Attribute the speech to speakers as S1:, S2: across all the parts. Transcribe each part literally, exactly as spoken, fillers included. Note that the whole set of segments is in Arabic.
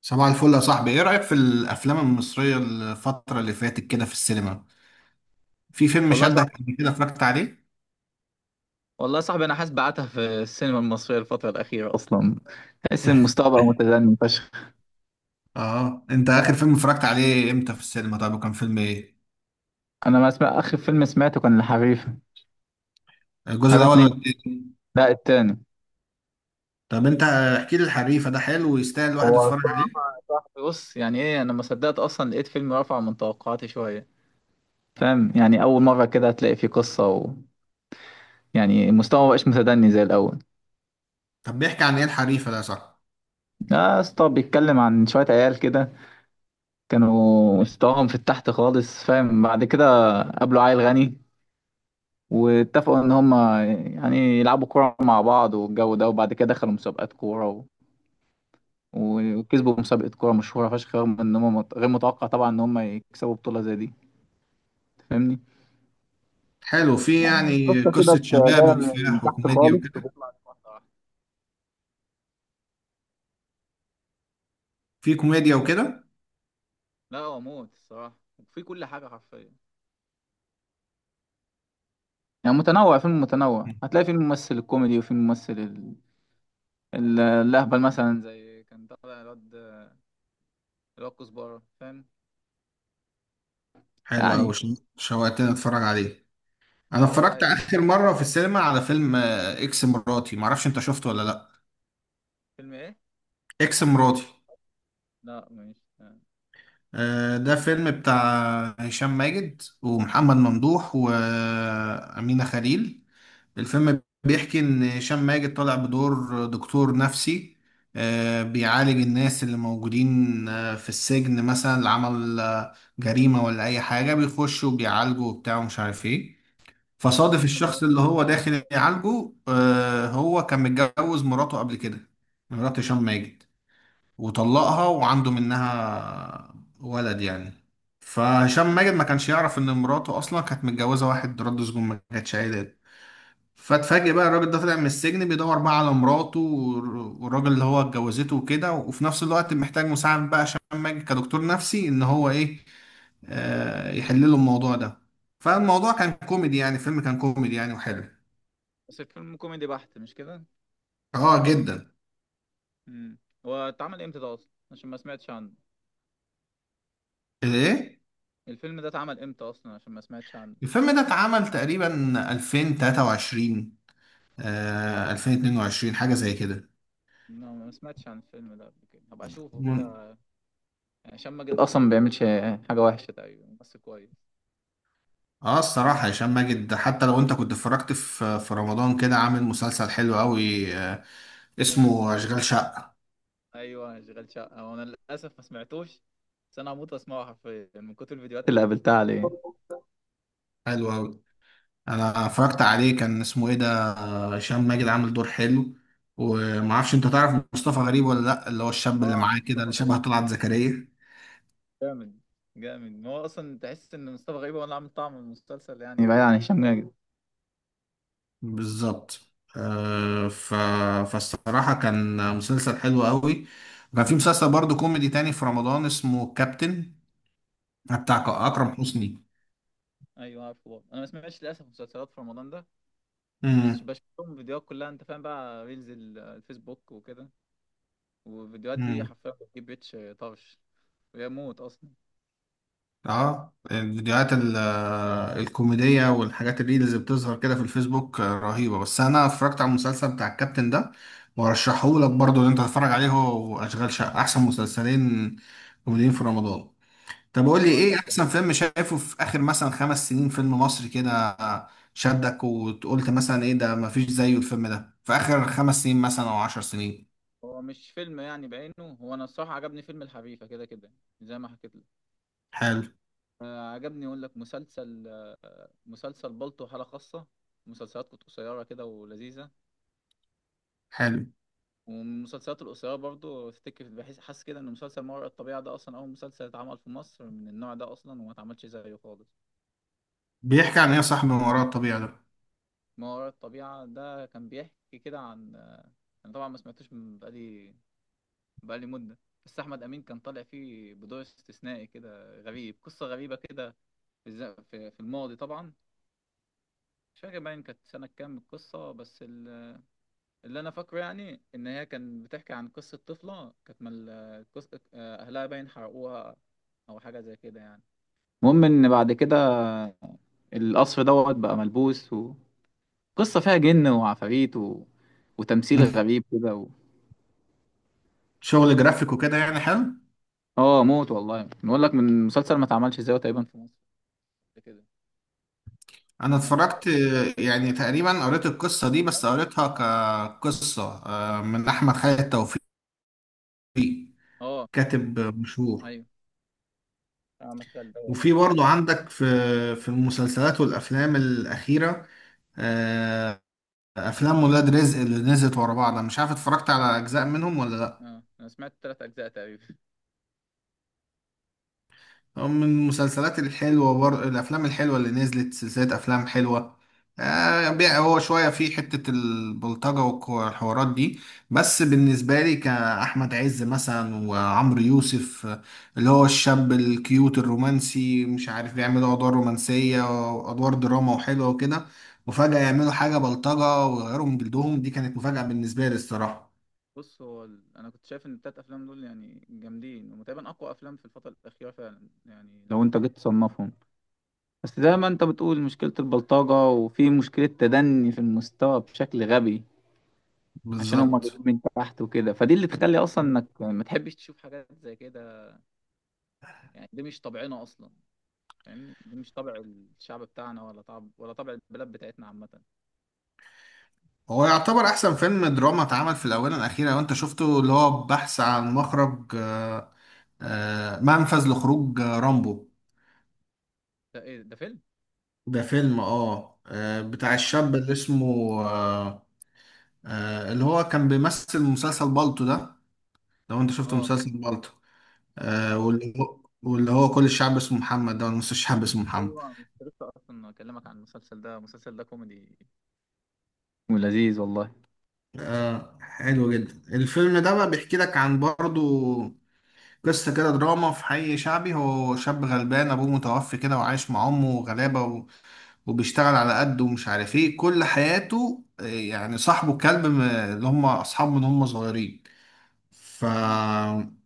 S1: صباح الفل يا صاحبي، ايه رأيك في الافلام المصرية الفترة اللي فاتت كده في السينما؟ في فيلم
S2: والله صح.
S1: شدك قبل كده اتفرجت عليه؟
S2: والله صاحبي، انا حاسس بعتها في السينما المصريه الفتره الاخيره اصلا. تحس ان المستوى متدني فشخ.
S1: اه، انت اخر فيلم اتفرجت عليه امتى في السينما؟ طب وكان فيلم ايه؟
S2: انا ما اسمع، اخر فيلم سمعته كان الحريفه.
S1: الجزء
S2: حريفه
S1: الاول ولا
S2: اتنين،
S1: التاني؟
S2: لا التاني.
S1: طب انت احكي لي الحريفة ده حلو ويستاهل الواحد
S2: هو
S1: يتفرج عليه؟
S2: صعب- صعب. بص، يعني ايه، انا ما صدقت اصلا لقيت فيلم رفع من توقعاتي شويه. فاهم؟ يعني اول مره كده هتلاقي فيه قصه و... يعني المستوى ما بقاش متدني زي الاول.
S1: طب بيحكي عن ايه الحريفة ده يا صاحبي؟
S2: لا يا اسطى، بيتكلم عن شويه عيال كده كانوا مستواهم في التحت خالص، فاهم؟ بعد كده قابلوا عيل غني، واتفقوا ان هم يعني يلعبوا كوره مع بعض والجو ده، وبعد كده دخلوا مسابقات كوره و... وكسبوا مسابقه كوره مشهوره فشخ، رغم ان هم مت- غير متوقع طبعا ان هم يكسبوا بطوله زي دي. فاهمني؟
S1: حلو، في
S2: يعني
S1: يعني
S2: قصة كده
S1: قصة
S2: جاية
S1: شباب
S2: من
S1: وكفاح
S2: تحت
S1: وكوميديا
S2: خالص
S1: وكده؟
S2: وبيطلع لفوق.
S1: في كوميديا وكده؟
S2: لا هو موت الصراحة، وفي كل حاجة حرفيا. يعني متنوع، فيلم متنوع،
S1: مم.
S2: هتلاقي فيه الممثل الكوميدي وفيه الممثل ال... ال- الأهبل مثلا، زي كان طالع الواد، الواد كزبرة، فاهم؟
S1: حلو
S2: يعني
S1: أوي، شو- شوقتني اتفرج عليه.
S2: لا
S1: انا
S2: هو
S1: اتفرجت
S2: رايق.
S1: اخر مرة في السينما على فيلم آه، اكس مراتي، معرفش انت شفته ولا لا.
S2: فيلم ايه؟
S1: اكس مراتي.
S2: لا ماشي.
S1: آه، ده فيلم بتاع هشام ماجد ومحمد ممدوح وأمينة خليل. الفيلم بيحكي إن هشام ماجد طالع بدور دكتور نفسي، آه، بيعالج الناس اللي موجودين آه، في السجن مثلا، اللي عمل آه، جريمة ولا أي حاجة بيخش وبيعالجه وبتاع ومش عارف إيه. فصادف
S2: الفيلم ده
S1: الشخص اللي
S2: كان
S1: هو
S2: نزل امتى
S1: داخل
S2: طيب؟
S1: يعالجه، آه، هو كان متجوز مراته قبل كده. مرات هشام ماجد، وطلقها وعنده منها ولد يعني. فهشام
S2: لا، هو
S1: ماجد ما
S2: الفيلم
S1: كانش
S2: ده كان
S1: يعرف ان
S2: نزل
S1: مراته
S2: امتى؟
S1: اصلا كانت متجوزه واحد رد سجون، ما كانتش عيلات. فاتفاجئ بقى الراجل ده طلع من السجن بيدور بقى على مراته والر- والراجل اللي هو اتجوزته وكده، وفي نفس الوقت محتاج مساعد بقى هشام ماجد كدكتور نفسي ان هو ايه، آه، يحل له الموضوع ده. فالموضوع كان كوميدي يعني، الفيلم كان كوميدي يعني وحلو.
S2: بس الفيلم كوميدي بحت مش كده؟
S1: اه جدا.
S2: امم. هو اتعمل امتى ده اصلا؟ عشان ما سمعتش عنه.
S1: ايه،
S2: الفيلم ده اتعمل امتى اصلا؟ عشان ما سمعتش عنه.
S1: الفيلم ده اتعمل تقريبا ألفين وثلاثة وعشرين، آه ألفين واثنين وعشرين، حاجة زي كده.
S2: لا ما سمعتش عن الفيلم ده قبل كده، هبقى اشوفه
S1: من-
S2: كده، عشان ما جد اصلا ما بيعملش حاجة وحشة تقريبا، ممثل كويس.
S1: اه، الصراحة هشام ماجد حتى لو انت كنت اتفرجت في في رمضان كده عامل مسلسل حلو قوي، آه،
S2: أيوة.
S1: اسمه اشغال شقة.
S2: ايوه شغال شقة، وانا للاسف ما سمعتوش، بس انا هموت واسمعه حرفيا من كتر الفيديوهات اللي قابلتها عليه.
S1: حلو قوي. انا اتفرجت عليه، كان اسمه ايه ده؟ هشام ماجد عامل دور حلو، ومعرفش انت تعرف مصطفى غريب ولا لا، اللي هو الشاب اللي
S2: اه
S1: معاه كده
S2: مصطفى
S1: اللي شبه
S2: غريب
S1: طلعت زكريا.
S2: جامد. جامد، ما هو اصلا تحس ان مصطفى غريب هو اللي عامل طعم المسلسل، يعني بعيد وكده عن هشام ماجد.
S1: بالظبط. آه ف... فالصراحة كان مسلسل حلو قوي. وكان في مسلسل برضه كوميدي تاني في رمضان اسمه كابتن، بتاع أكرم
S2: اه.
S1: حسني.
S2: ايوه عارفه برضه، انا ما سمعتش للاسف مسلسلات في رمضان ده، بس
S1: امم
S2: بشوف لهم فيديوهات كلها، انت فاهم بقى، ريلز ال- الفيسبوك وكده، والفيديوهات دي
S1: امم
S2: حرفيا بتجيب ريتش طرش، ويموت اصلا.
S1: اه، الفيديوهات ال- الكوميدية والحاجات الريلز اللي بتظهر كده في الفيسبوك، آه، رهيبة. بس أنا اتفرجت على المسلسل بتاع الكابتن ده، وأرشحهولك برضه إن أنت تتفرج عليه، هو وأشغال شقة أحسن مسلسلين كوميديين في رمضان. طب قول لي
S2: اقول
S1: إيه
S2: لك كان،
S1: أحسن فيلم شايفه في آخر مثلا خمس سنين، فيلم مصري كده شدك وقلت مثلا إيه ده مفيش زيه، الفيلم ده في آخر خمس سنين مثلا أو عشر سنين؟
S2: هو مش فيلم يعني بعينه، هو انا الصراحه عجبني فيلم الحريفه كده كده زي ما حكيت لك.
S1: حلو.
S2: آه، عجبني اقول لك مسلسل، آه، مسلسل بالطو، حاله خاصه، مسلسلات كانت قصيره كده ولذيذه.
S1: حلو.
S2: ومن المسلسلات القصيرة برضو، افتكر بحس، حاسس كده ان مسلسل ما وراء الطبيعة ده اصلا اول مسلسل اتعمل في مصر من النوع ده اصلا، وما اتعملش زيه خالص.
S1: بيحكي عن إيه يا صاحبي من وراء الطبيعة ده؟
S2: ما وراء الطبيعة ده كان بيحكي كده عن، انا طبعا ما سمعتوش من بقالي، بقالي مدة، بس احمد امين كان طالع فيه بدور استثنائي كده غريب، قصة غريبة كده في الز- في في الماضي طبعا، مش فاكر باين كانت سنة كام القصة، بس ال- اللي أنا فاكره يعني إن هي كانت بتحكي عن قصة طفلة كانت مال القص- أهلها باين حرقوها، أو حاجة زي كده يعني. المهم ان بعد كده القصر دوت بقى ملبوس، وقصة فيها جن وعفاريت و... وتمثيل
S1: مم.
S2: غريب كده و...
S1: شغل جرافيك وكده يعني، حلو.
S2: اه موت والله، بنقول لك من مسلسل ما اتعملش ازاي تقريبا في مصر قبل كده.
S1: انا
S2: يعني انا واجد.
S1: اتفرجت، آه، يعني تقريبا قريت القصه دي، بس قريتها كقصه، آه، من احمد خالد توفيق،
S2: اه.
S1: كاتب مشهور.
S2: ايوه، عمل ده.
S1: وفي برضه عندك في في المسلسلات والافلام الاخيره، آه، افلام ولاد رزق اللي نزلت ورا بعض، انا مش عارف اتفرجت على اجزاء منهم ولا لا.
S2: اه انا سمعت ثلاث اجزاء تقريبا.
S1: من المسلسلات الحلوة، بر... الأفلام الحلوة اللي نزلت، سلسلة أفلام حلوة، آه بي- هو شوية في حتة البلطجة والحوارات دي، بس بالنسبة لي كأحمد عز مثلا وعمرو يوسف، آه، اللي هو الشاب الكيوت الرومانسي، مش عارف بيعملوا أدوار رومانسية وأدوار دراما وحلوة وكده، وفجأة يعملوا حاجة بلطجة ويغيروا من جلدهم، دي كانت مفاجأة بالنسبة لي الصراحة.
S2: بص، هو ال... انا كنت شايف ان الثلاث افلام دول يعني جامدين، وتقريبا اقوى افلام في الفترة الأخيرة فعلا، يعني لو انت جيت تصنفهم. بس زي ما انت بتقول، مشكلة البلطجة، وفي مشكلة تدني في المستوى بشكل غبي، عشان هم
S1: بالظبط.
S2: جايين من تحت وكده، فدي اللي تخلي اصلا انك ما تحبش تشوف حاجات زي كده. يعني دي مش طبعنا اصلا، فاهمني؟ دي مش طبع الشعب بتاعنا، ولا طبع، ولا طبع البلاد بتاعتنا عامه ده.
S1: هو يعتبر احسن فيلم دراما اتعمل في الاونه الاخيره لو انت شفته، اللي هو بحث عن مخرج، آه، آه، منفذ لخروج، آه، رامبو.
S2: ايه ده فيلم؟
S1: ده فيلم، اه آه، بتاع الشاب اللي اسمه، آه، آه، اللي هو كان بيمثل مسلسل بالطو ده، لو انت شفته
S2: اه.
S1: مسلسل بالطو. آه،
S2: اه
S1: واللي هو واللي هو كل الشعب اسمه محمد ده ولا نص الشعب اسمه محمد.
S2: ايوه، كنت لسه اصلا اكلمك عن المسلسل ده، المسلسل ده كوميدي ولذيذ والله.
S1: آه، حلو جدا، الفيلم ده بقى بيحكي لك عن برضو قصة كده دراما في حي شعبي. هو شاب غلبان أبوه متوفي كده وعايش مع أمه غلابة، و- وبيشتغل على قده ومش عارف إيه كل حياته، آه، يعني صاحبه كلب م- اللي هم أصحابه من هم صغيرين.
S2: امم.
S1: فهيجي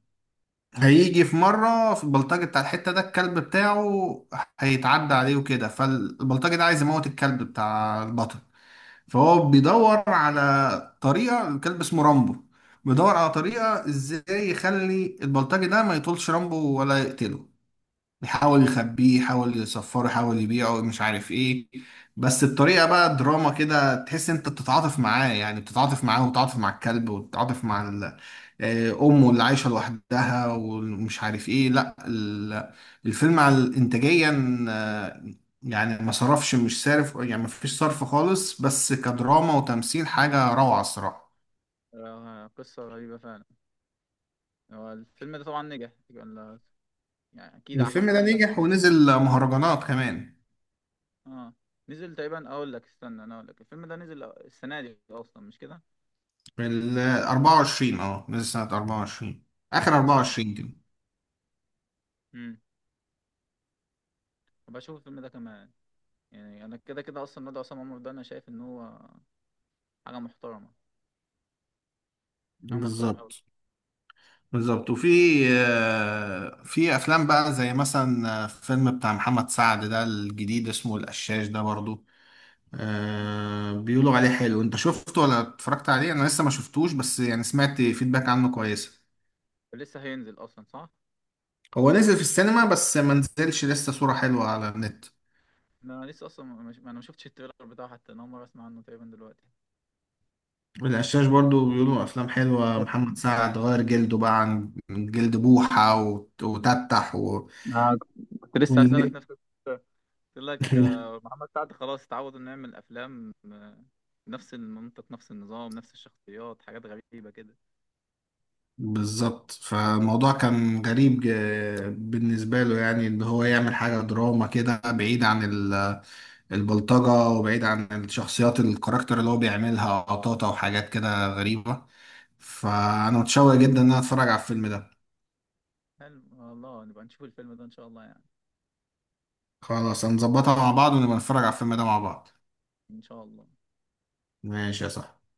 S1: في مرة في البلطجي بتاع الحتة ده، الكلب بتاعه هيتعدى عليه وكده، فالبلطجي ده عايز يموت الكلب بتاع البطل. فهو بيدور على طريقة، الكلب اسمه رامبو، بيدور على طريقة ازاي يخلي البلطجي ده ما يطولش رامبو ولا يقتله. يحاول يخبيه، يحاول يصفره، يحاول يبيعه، مش عارف ايه، بس بطريقة بقى دراما كده تحس انت بتتعاطف معاه. يعني بتتعاطف معاه وبتتعاطف مع الكلب وبتتعاطف مع ال- آه، امه اللي عايشة لوحدها ومش عارف ايه. لا، ال- الفيلم على انتاجيا، آه، يعني ما صرفش، مش صارف يعني، ما فيش صرف خالص، بس كدراما وتمثيل حاجة روعة الصراحة.
S2: آه، قصه غريبه فعلا. هو الفيلم ده طبعا نجح، ولا يعني اكيد
S1: الفيلم
S2: حقق
S1: ده
S2: نجاح
S1: نجح
S2: كبير.
S1: ونزل مهرجانات كمان.
S2: اه نزل تقريبا، اقول لك، استنى انا اقول لك، الفيلم ده نزل السنه دي اصلا مش كده؟
S1: ال أربعة وعشرين، اه نزل سنة أربعة وعشرين، آخر
S2: لسه
S1: أربعة وعشرين كده.
S2: بشوف الفيلم ده كمان. يعني انا كده كده اصلا ندى عصام عمر ده انا شايف ان هو حاجه محترمه، حاجه محترمه قوي.
S1: بالظبط. بالظبط وفي آه، في أفلام بقى زي مثلا، آه، فيلم بتاع محمد سعد ده الجديد اسمه القشاش ده برضو، آه، بيقولوا عليه حلو. أنت شفته ولا اتفرجت عليه؟ أنا لسه ما شفتوش، بس يعني سمعت فيدباك عنه كويسة.
S2: لسه هينزل اصلا صح.
S1: هو نزل في السينما بس ما نزلش لسه صورة حلوة على النت.
S2: انا لسه اصلا مش... انا ما شفتش التريلر بتاعه حتى، انا اول مره اسمع عنه تقريبا دلوقتي.
S1: القشاش برضو بيقولوا أفلام حلوة،
S2: بس
S1: محمد سعد غير جلده بقى عن من جلد بوحة وت- وتتح و...
S2: أنا كنت لسه هسألك
S1: وال-
S2: نفس السؤال. قلت لك آه، محمد سعد خلاص اتعود انه يعمل افلام، آه، نفس المنطق، نفس النظام، نفس الشخصيات، حاجات غريبة كده.
S1: بالظبط. فالموضوع كان غريب ج- بالنسبة له، يعني إن هو يعمل حاجة دراما كده بعيد عن ال- البلطجة، وبعيد عن الشخصيات الكاركتر اللي هو بيعملها قطاطة وحاجات كده غريبة. فأنا متشوق جدا إن أنا أتفرج على الفيلم ده.
S2: حلو والله، نبقى نشوف الفيلم ده ان شاء الله يعني.
S1: خلاص هنظبطها مع بعض ونبقى نتفرج على الفيلم ده مع بعض.
S2: ان شاء الله.
S1: ماشي يا صاحبي.